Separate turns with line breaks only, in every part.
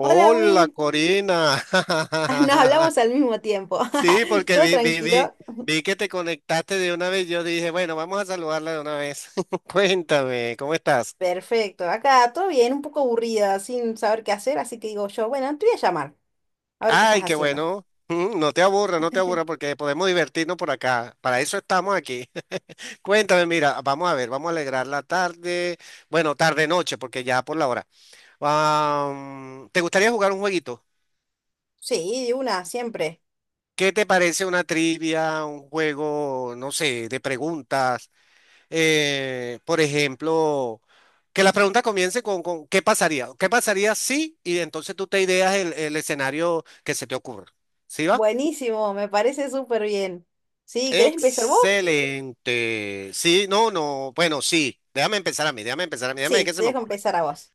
Hola Will,
Corina.
nos hablamos al mismo tiempo.
Sí, porque
¿Todo tranquilo?
vi que te conectaste de una vez. Yo dije, bueno, vamos a saludarla de una vez. Cuéntame, ¿cómo estás?
Perfecto. Acá todo bien, un poco aburrida, sin saber qué hacer, así que digo yo, bueno, te voy a llamar, a ver qué estás
Ay, qué
haciendo.
bueno. No te aburra, no te aburra, porque podemos divertirnos por acá. Para eso estamos aquí. Cuéntame, mira, vamos a ver, vamos a alegrar la tarde. Bueno, tarde noche, porque ya por la hora. Ah, ¿te gustaría jugar un jueguito?
Sí, de una, siempre.
¿Qué te parece una trivia, un juego, no sé, de preguntas? Por ejemplo, que la pregunta comience con ¿qué pasaría? ¿Qué pasaría si? Y entonces tú te ideas el escenario que se te ocurra. ¿Sí va?
Buenísimo, me parece súper bien. Sí, ¿querés empezar vos?
Excelente. Sí, no, no. Bueno, sí. Déjame empezar a mí, déjame empezar a mí, déjame ver
Sí,
qué se
te
me
dejo
ocurre.
empezar a vos.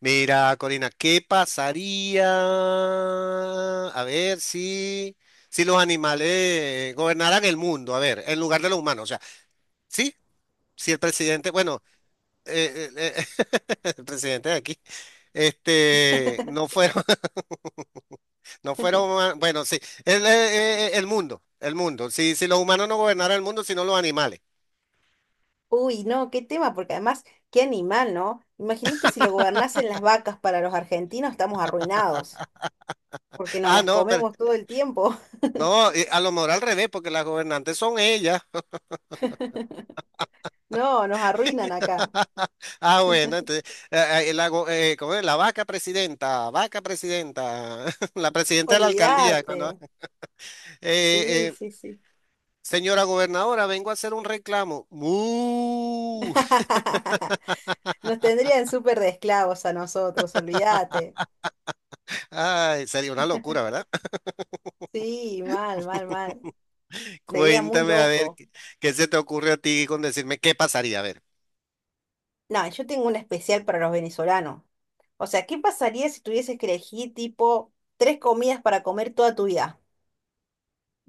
Mira, Corina, ¿qué pasaría? A ver si los animales gobernaran el mundo, a ver, en lugar de los humanos. O sea, sí, si el presidente, bueno, eh, eh, eh, el presidente de aquí, este, no fueron, no fueron, bueno, sí, el mundo, si los humanos no gobernaran el mundo, sino los animales.
Uy, no, qué tema, porque además, qué animal, ¿no? Imagínate si lo gobernasen las vacas para los argentinos, estamos arruinados, porque nos
Ah,
las
no, pero
comemos todo el tiempo.
no, a lo mejor al revés, porque las gobernantes son ellas.
No, nos arruinan acá.
Ah, bueno, entonces, ¿cómo es? La vaca presidenta, la presidenta de la alcaldía, ¿no?
Olvídate. Sí,
Eh, eh,
sí, sí.
Señora gobernadora, vengo a hacer un reclamo. ¡Mu!
Nos tendrían súper de esclavos a nosotros, olvídate.
Ay, sería una locura, ¿verdad?
Sí, mal, mal, mal. Sería muy
Cuéntame, a ver,
loco.
¿qué se te ocurre a ti con decirme qué pasaría? A ver.
No, yo tengo un especial para los venezolanos. O sea, ¿qué pasaría si tuvieses que elegir tipo tres comidas para comer toda tu vida?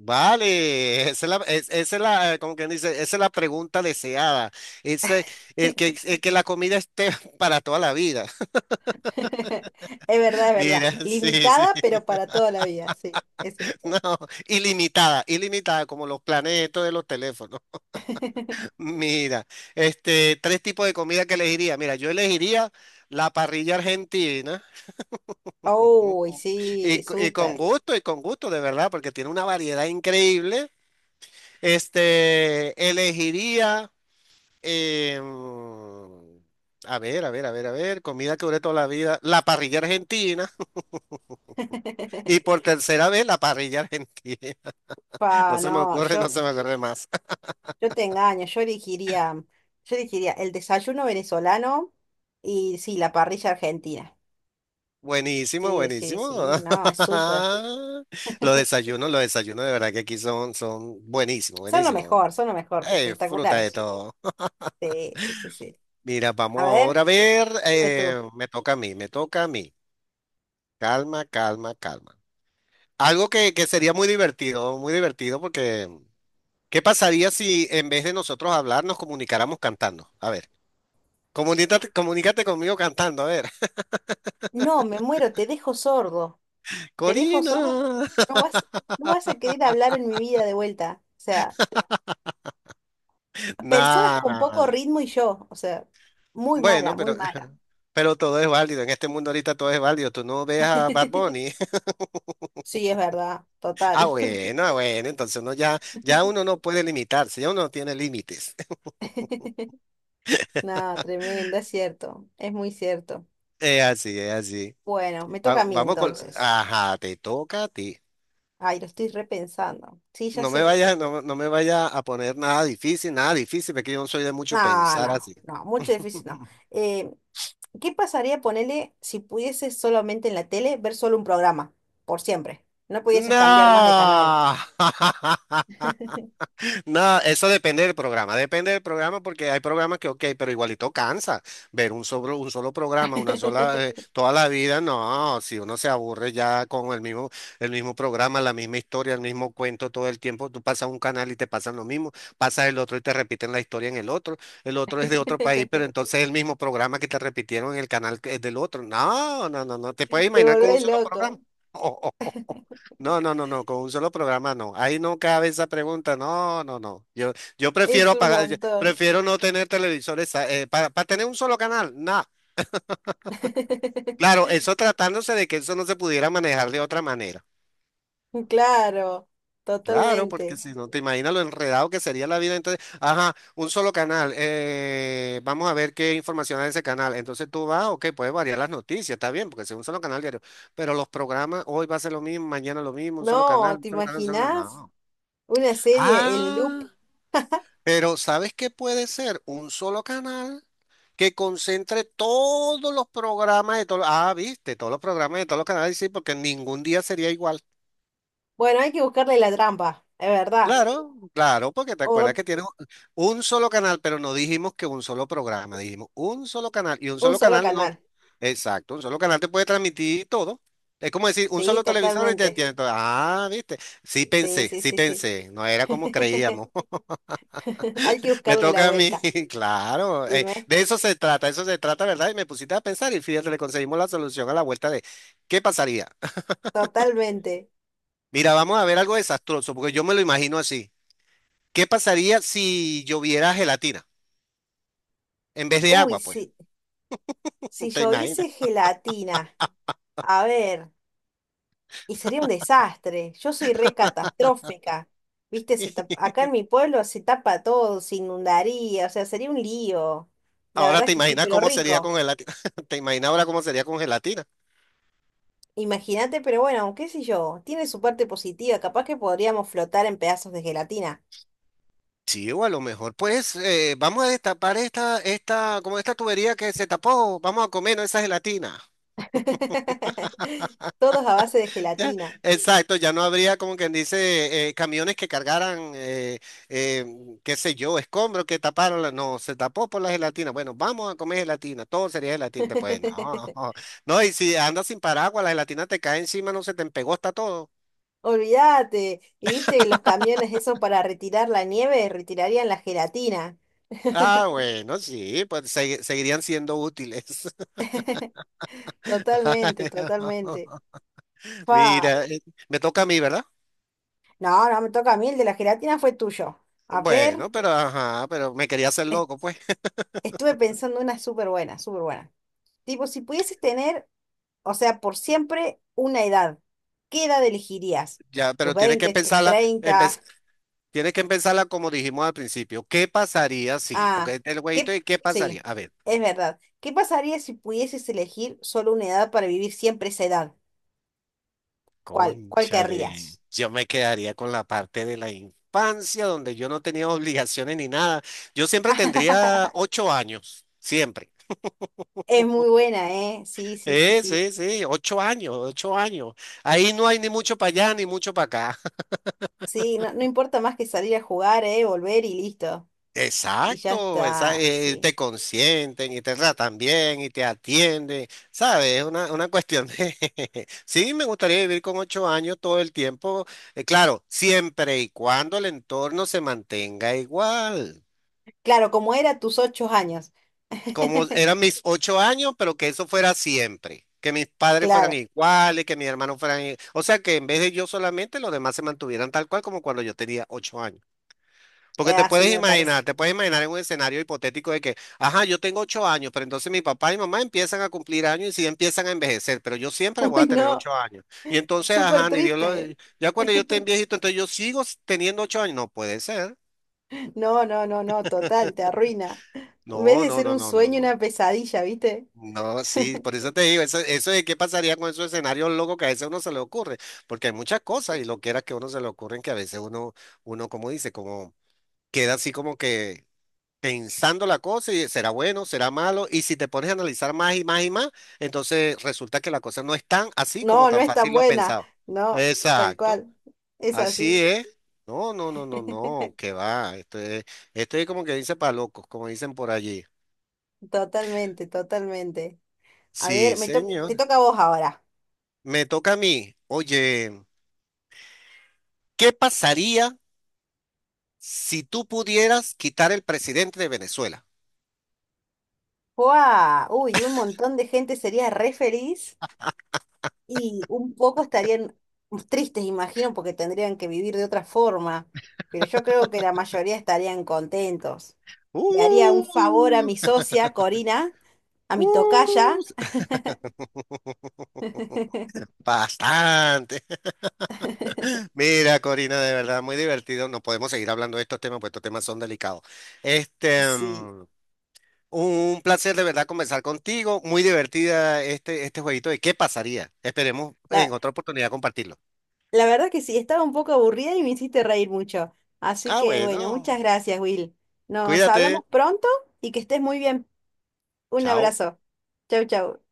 Vale, esa es la, como quien dice, esa es la pregunta deseada. Ese, el que la comida esté para toda la vida.
Es verdad, es verdad.
Mira, sí, sí.
Limitada, pero para toda la vida, sí, es cierto.
No, ilimitada, ilimitada, como los planetos de los teléfonos. Mira, este, tres tipos de comida que elegiría. Mira, yo elegiría la parrilla argentina.
Uy,
Y,
sí, súper.
y con gusto, de verdad, porque tiene una variedad increíble. Este, elegiría, em, a ver, comida que duré toda la vida, la parrilla argentina. Y por tercera vez, la parrilla argentina. No
Pa,
se me
no,
ocurre, no
yo
se me ocurre más.
Yo Te engaño, yo elegiría el desayuno venezolano y sí, la parrilla argentina.
Buenísimo,
Sí, sí,
buenísimo.
sí, no, es súper.
Los desayunos de verdad que aquí son buenísimos, buenísimos.
Son lo mejor,
Fruta de
espectaculares.
todo.
Sí, sí, sí, sí.
Mira, vamos
A ver,
ahora a ver,
dime tú.
me toca a mí, me toca a mí. Calma, calma, calma. Algo que sería muy divertido, porque ¿qué pasaría si en vez de nosotros hablar nos comunicáramos cantando? A ver, comunícate, comunícate conmigo cantando, a ver.
No, me muero, te dejo sordo. Te dejo sordo.
Corina.
No vas, no vas a querer hablar en mi vida de vuelta. O sea, personas con poco
Nada.
ritmo y yo. O sea, muy mala,
Bueno,
muy
pero,
mala.
pero todo es válido. En este mundo ahorita todo es válido. Tú no ves a Bad Bunny.
Sí, es verdad,
Ah,
total.
bueno, ah, bueno. Entonces ya uno no puede limitarse, ya uno no tiene límites.
No, tremendo, es cierto, es muy cierto.
Es así, es así.
Bueno, me toca a mí
Vamos con.
entonces.
Ajá, te toca a ti.
Ay, lo estoy repensando. Sí, ya
No me
sé.
vaya, no, no me vaya a poner nada difícil, nada difícil, porque yo no soy de mucho
No,
pensar
no,
así.
no, mucho difícil no. Eh, ¿Qué pasaría, ponele, si pudieses solamente en la tele ver solo un programa, por siempre? No pudieses cambiar más de canal.
¡No! No, eso depende del programa porque hay programas que, ok, pero igualito cansa ver un solo programa, una sola, toda la vida, no, si uno se aburre ya con el mismo programa, la misma historia, el mismo cuento todo el tiempo, tú pasas un canal y te pasan lo mismo, pasas el otro y te repiten la historia en el otro es de otro país, pero entonces es el mismo programa que te repitieron en el canal que es del otro, no, no, no, no, te puedes
Te
imaginar con un
volvés
solo
loco.
programa. No, no, no, no, con un solo programa no. Ahí no cabe esa pregunta. No, no, no. Yo
Es
prefiero
un
pagar, yo
montón.
prefiero no tener televisores para, tener un solo canal. No. Claro, eso tratándose de que eso no se pudiera manejar de otra manera.
Claro,
Claro, porque
totalmente.
si no te imaginas lo enredado que sería la vida, entonces, ajá, un solo canal. Eh, vamos a ver qué información hay en ese canal. Entonces tú vas, ok, puedes variar las noticias, está bien, porque si es un solo canal diario. Pero los programas, hoy va a ser lo mismo, mañana lo mismo, un solo
No,
canal,
¿te
un solo canal, un solo canal.
imaginas
No.
una serie en loop?
Ah. Pero ¿sabes qué puede ser? Un solo canal que concentre todos los programas de todos. Ah, viste, todos los programas de todos los canales, sí, porque ningún día sería igual.
Bueno, hay que buscarle la trampa, es verdad.
Claro, claro, porque te
O
acuerdas que
t-
tienes un solo canal, pero no dijimos que un solo programa, dijimos un solo canal. Y un
un
solo
solo
canal no.
canal.
Exacto, un solo canal te puede transmitir todo. Es como decir, un
Sí,
solo televisor y te
totalmente.
tiene todo. Ah, viste. Sí
Sí,
pensé,
sí,
sí
sí, sí.
pensé. No era como creíamos.
Hay que
Me
buscarle la
toca a mí,
vuelta.
claro. Eh,
Dime,
de eso se trata, ¿verdad? Y me pusiste a pensar y fíjate, le conseguimos la solución a la vuelta de ¿qué pasaría?
totalmente.
Mira, vamos a ver algo desastroso, porque yo me lo imagino así. ¿Qué pasaría si lloviera gelatina en vez de
Uy,
agua, pues?
sí. Si
¿Te
yo
imaginas?
hice gelatina, a ver, y sería un desastre. Yo soy re catastrófica. Viste, acá en mi pueblo se tapa todo, se inundaría, o sea, sería un lío. La
Ahora
verdad
te
que sí,
imaginas
pero
cómo sería
rico.
con gelatina. ¿Te imaginas ahora cómo sería con gelatina?
Imagínate, pero bueno, qué sé yo, tiene su parte positiva, capaz que podríamos flotar en pedazos de gelatina.
Sí, o a lo mejor, pues, vamos a destapar como esta tubería que se tapó, vamos a comer ¿no? esa gelatina.
Todos a base de gelatina.
Exacto, ya no habría como quien dice camiones que cargaran, eh, qué sé yo, escombros que taparon, no, se tapó por la gelatina. Bueno, vamos a comer gelatina, todo sería gelatina. Pues no, no, y si andas sin paraguas, la gelatina te cae encima, no se te empegó, está todo.
Olvídate, y viste que los camiones esos para retirar la nieve retirarían la gelatina.
Ah, bueno, sí, pues seguirían siendo útiles.
Totalmente, totalmente. Fa.
Mira, me toca a mí, ¿verdad?
No, no me toca a mí, el de la gelatina fue tuyo. A ver,
Bueno, pero ajá, pero me quería hacer
est-
loco, pues.
estuve pensando una súper buena, súper buena. Tipo, si pudieses tener, o sea, por siempre una edad. ¿Qué edad elegirías?
Ya,
¿Tus
pero tienes que
20, tus
empezarla,
30?
tienes que empezarla como dijimos al principio. ¿Qué pasaría si?
Ah,
Porque el güeyito
¿qué?
de qué pasaría.
Sí,
A ver,
es verdad. ¿Qué pasaría si pudieses elegir solo una edad para vivir siempre esa edad? ¿Cuál, cuál
cónchale.
querrías?
Yo me quedaría con la parte de la infancia donde yo no tenía obligaciones ni nada. Yo siempre tendría ocho años, siempre.
Es muy buena, ¿eh? Sí, sí, sí, sí.
Sí, sí, ocho años, ocho años. Ahí no hay ni mucho para allá ni mucho para acá.
Sí, no, no importa más que salir a jugar, ¿eh? Volver y listo. Y ya
Exacto,
está, sí.
te consienten y te tratan bien y te atienden, ¿sabes? Es una cuestión de... Sí, me gustaría vivir con ocho años todo el tiempo, claro, siempre y cuando el entorno se mantenga igual,
Claro, como era tus 8 años.
como eran mis ocho años, pero que eso fuera siempre, que mis padres fueran
Claro,
iguales, que mis hermanos fueran... O sea, que en vez de yo solamente, los demás se mantuvieran tal cual como cuando yo tenía ocho años. Porque
así me parece.
te puedes imaginar en un escenario hipotético de que, ajá, yo tengo ocho años, pero entonces mi papá y mamá empiezan a cumplir años y sí empiezan a envejecer, pero yo siempre voy
Uy,
a tener
no,
ocho años. Y entonces,
súper
ajá, ni Dios
triste.
lo...
¿Eh?
Ya cuando yo esté viejito, entonces yo teniendo ocho años. No puede ser.
No, no, no, no, total, te arruina. En vez
No,
de
no,
ser
no,
un
no, no,
sueño,
no.
una pesadilla, ¿viste?
No, sí, por eso te digo, eso de qué pasaría con esos escenarios locos que a veces a uno se le ocurre, porque hay muchas cosas y lo que era que a uno se le ocurren que a veces como dice, como queda así como que pensando la cosa y será bueno, será malo, y si te pones a analizar más y más y más, entonces resulta que la cosa no es tan así como
No, no
tan
es tan
fácil lo
buena.
pensado.
No, tal
Exacto,
cual. Es
así
así.
es. No, no, no, no, no, que va. Esto es como que dice para locos, como dicen por allí.
Totalmente, totalmente. A
Sí,
ver, te
señor.
toca a vos ahora.
Me toca a mí. Oye, ¿qué pasaría si tú pudieras quitar el presidente de Venezuela?
¡Guau! Uy, un montón de gente sería re feliz y un poco estarían tristes, imagino, porque tendrían que vivir de otra forma. Pero yo creo que la mayoría estarían contentos. Le haría un favor a
Uh,
mi socia, Corina, a mi tocaya.
uh, bastante. Mira, Corina, de verdad, muy divertido. No podemos seguir hablando de estos temas, pues estos temas son delicados. Este,
Sí,
mm, un placer de verdad conversar contigo. Muy divertida este, este jueguito de qué pasaría. Esperemos
la,
en otra oportunidad compartirlo.
la verdad que sí, estaba un poco aburrida y me hiciste reír mucho. Así
Ah,
que bueno, muchas
bueno,
gracias, Will. Nos
cuídate.
hablamos pronto y que estés muy bien. Un
Chao.
abrazo. Chau, chau.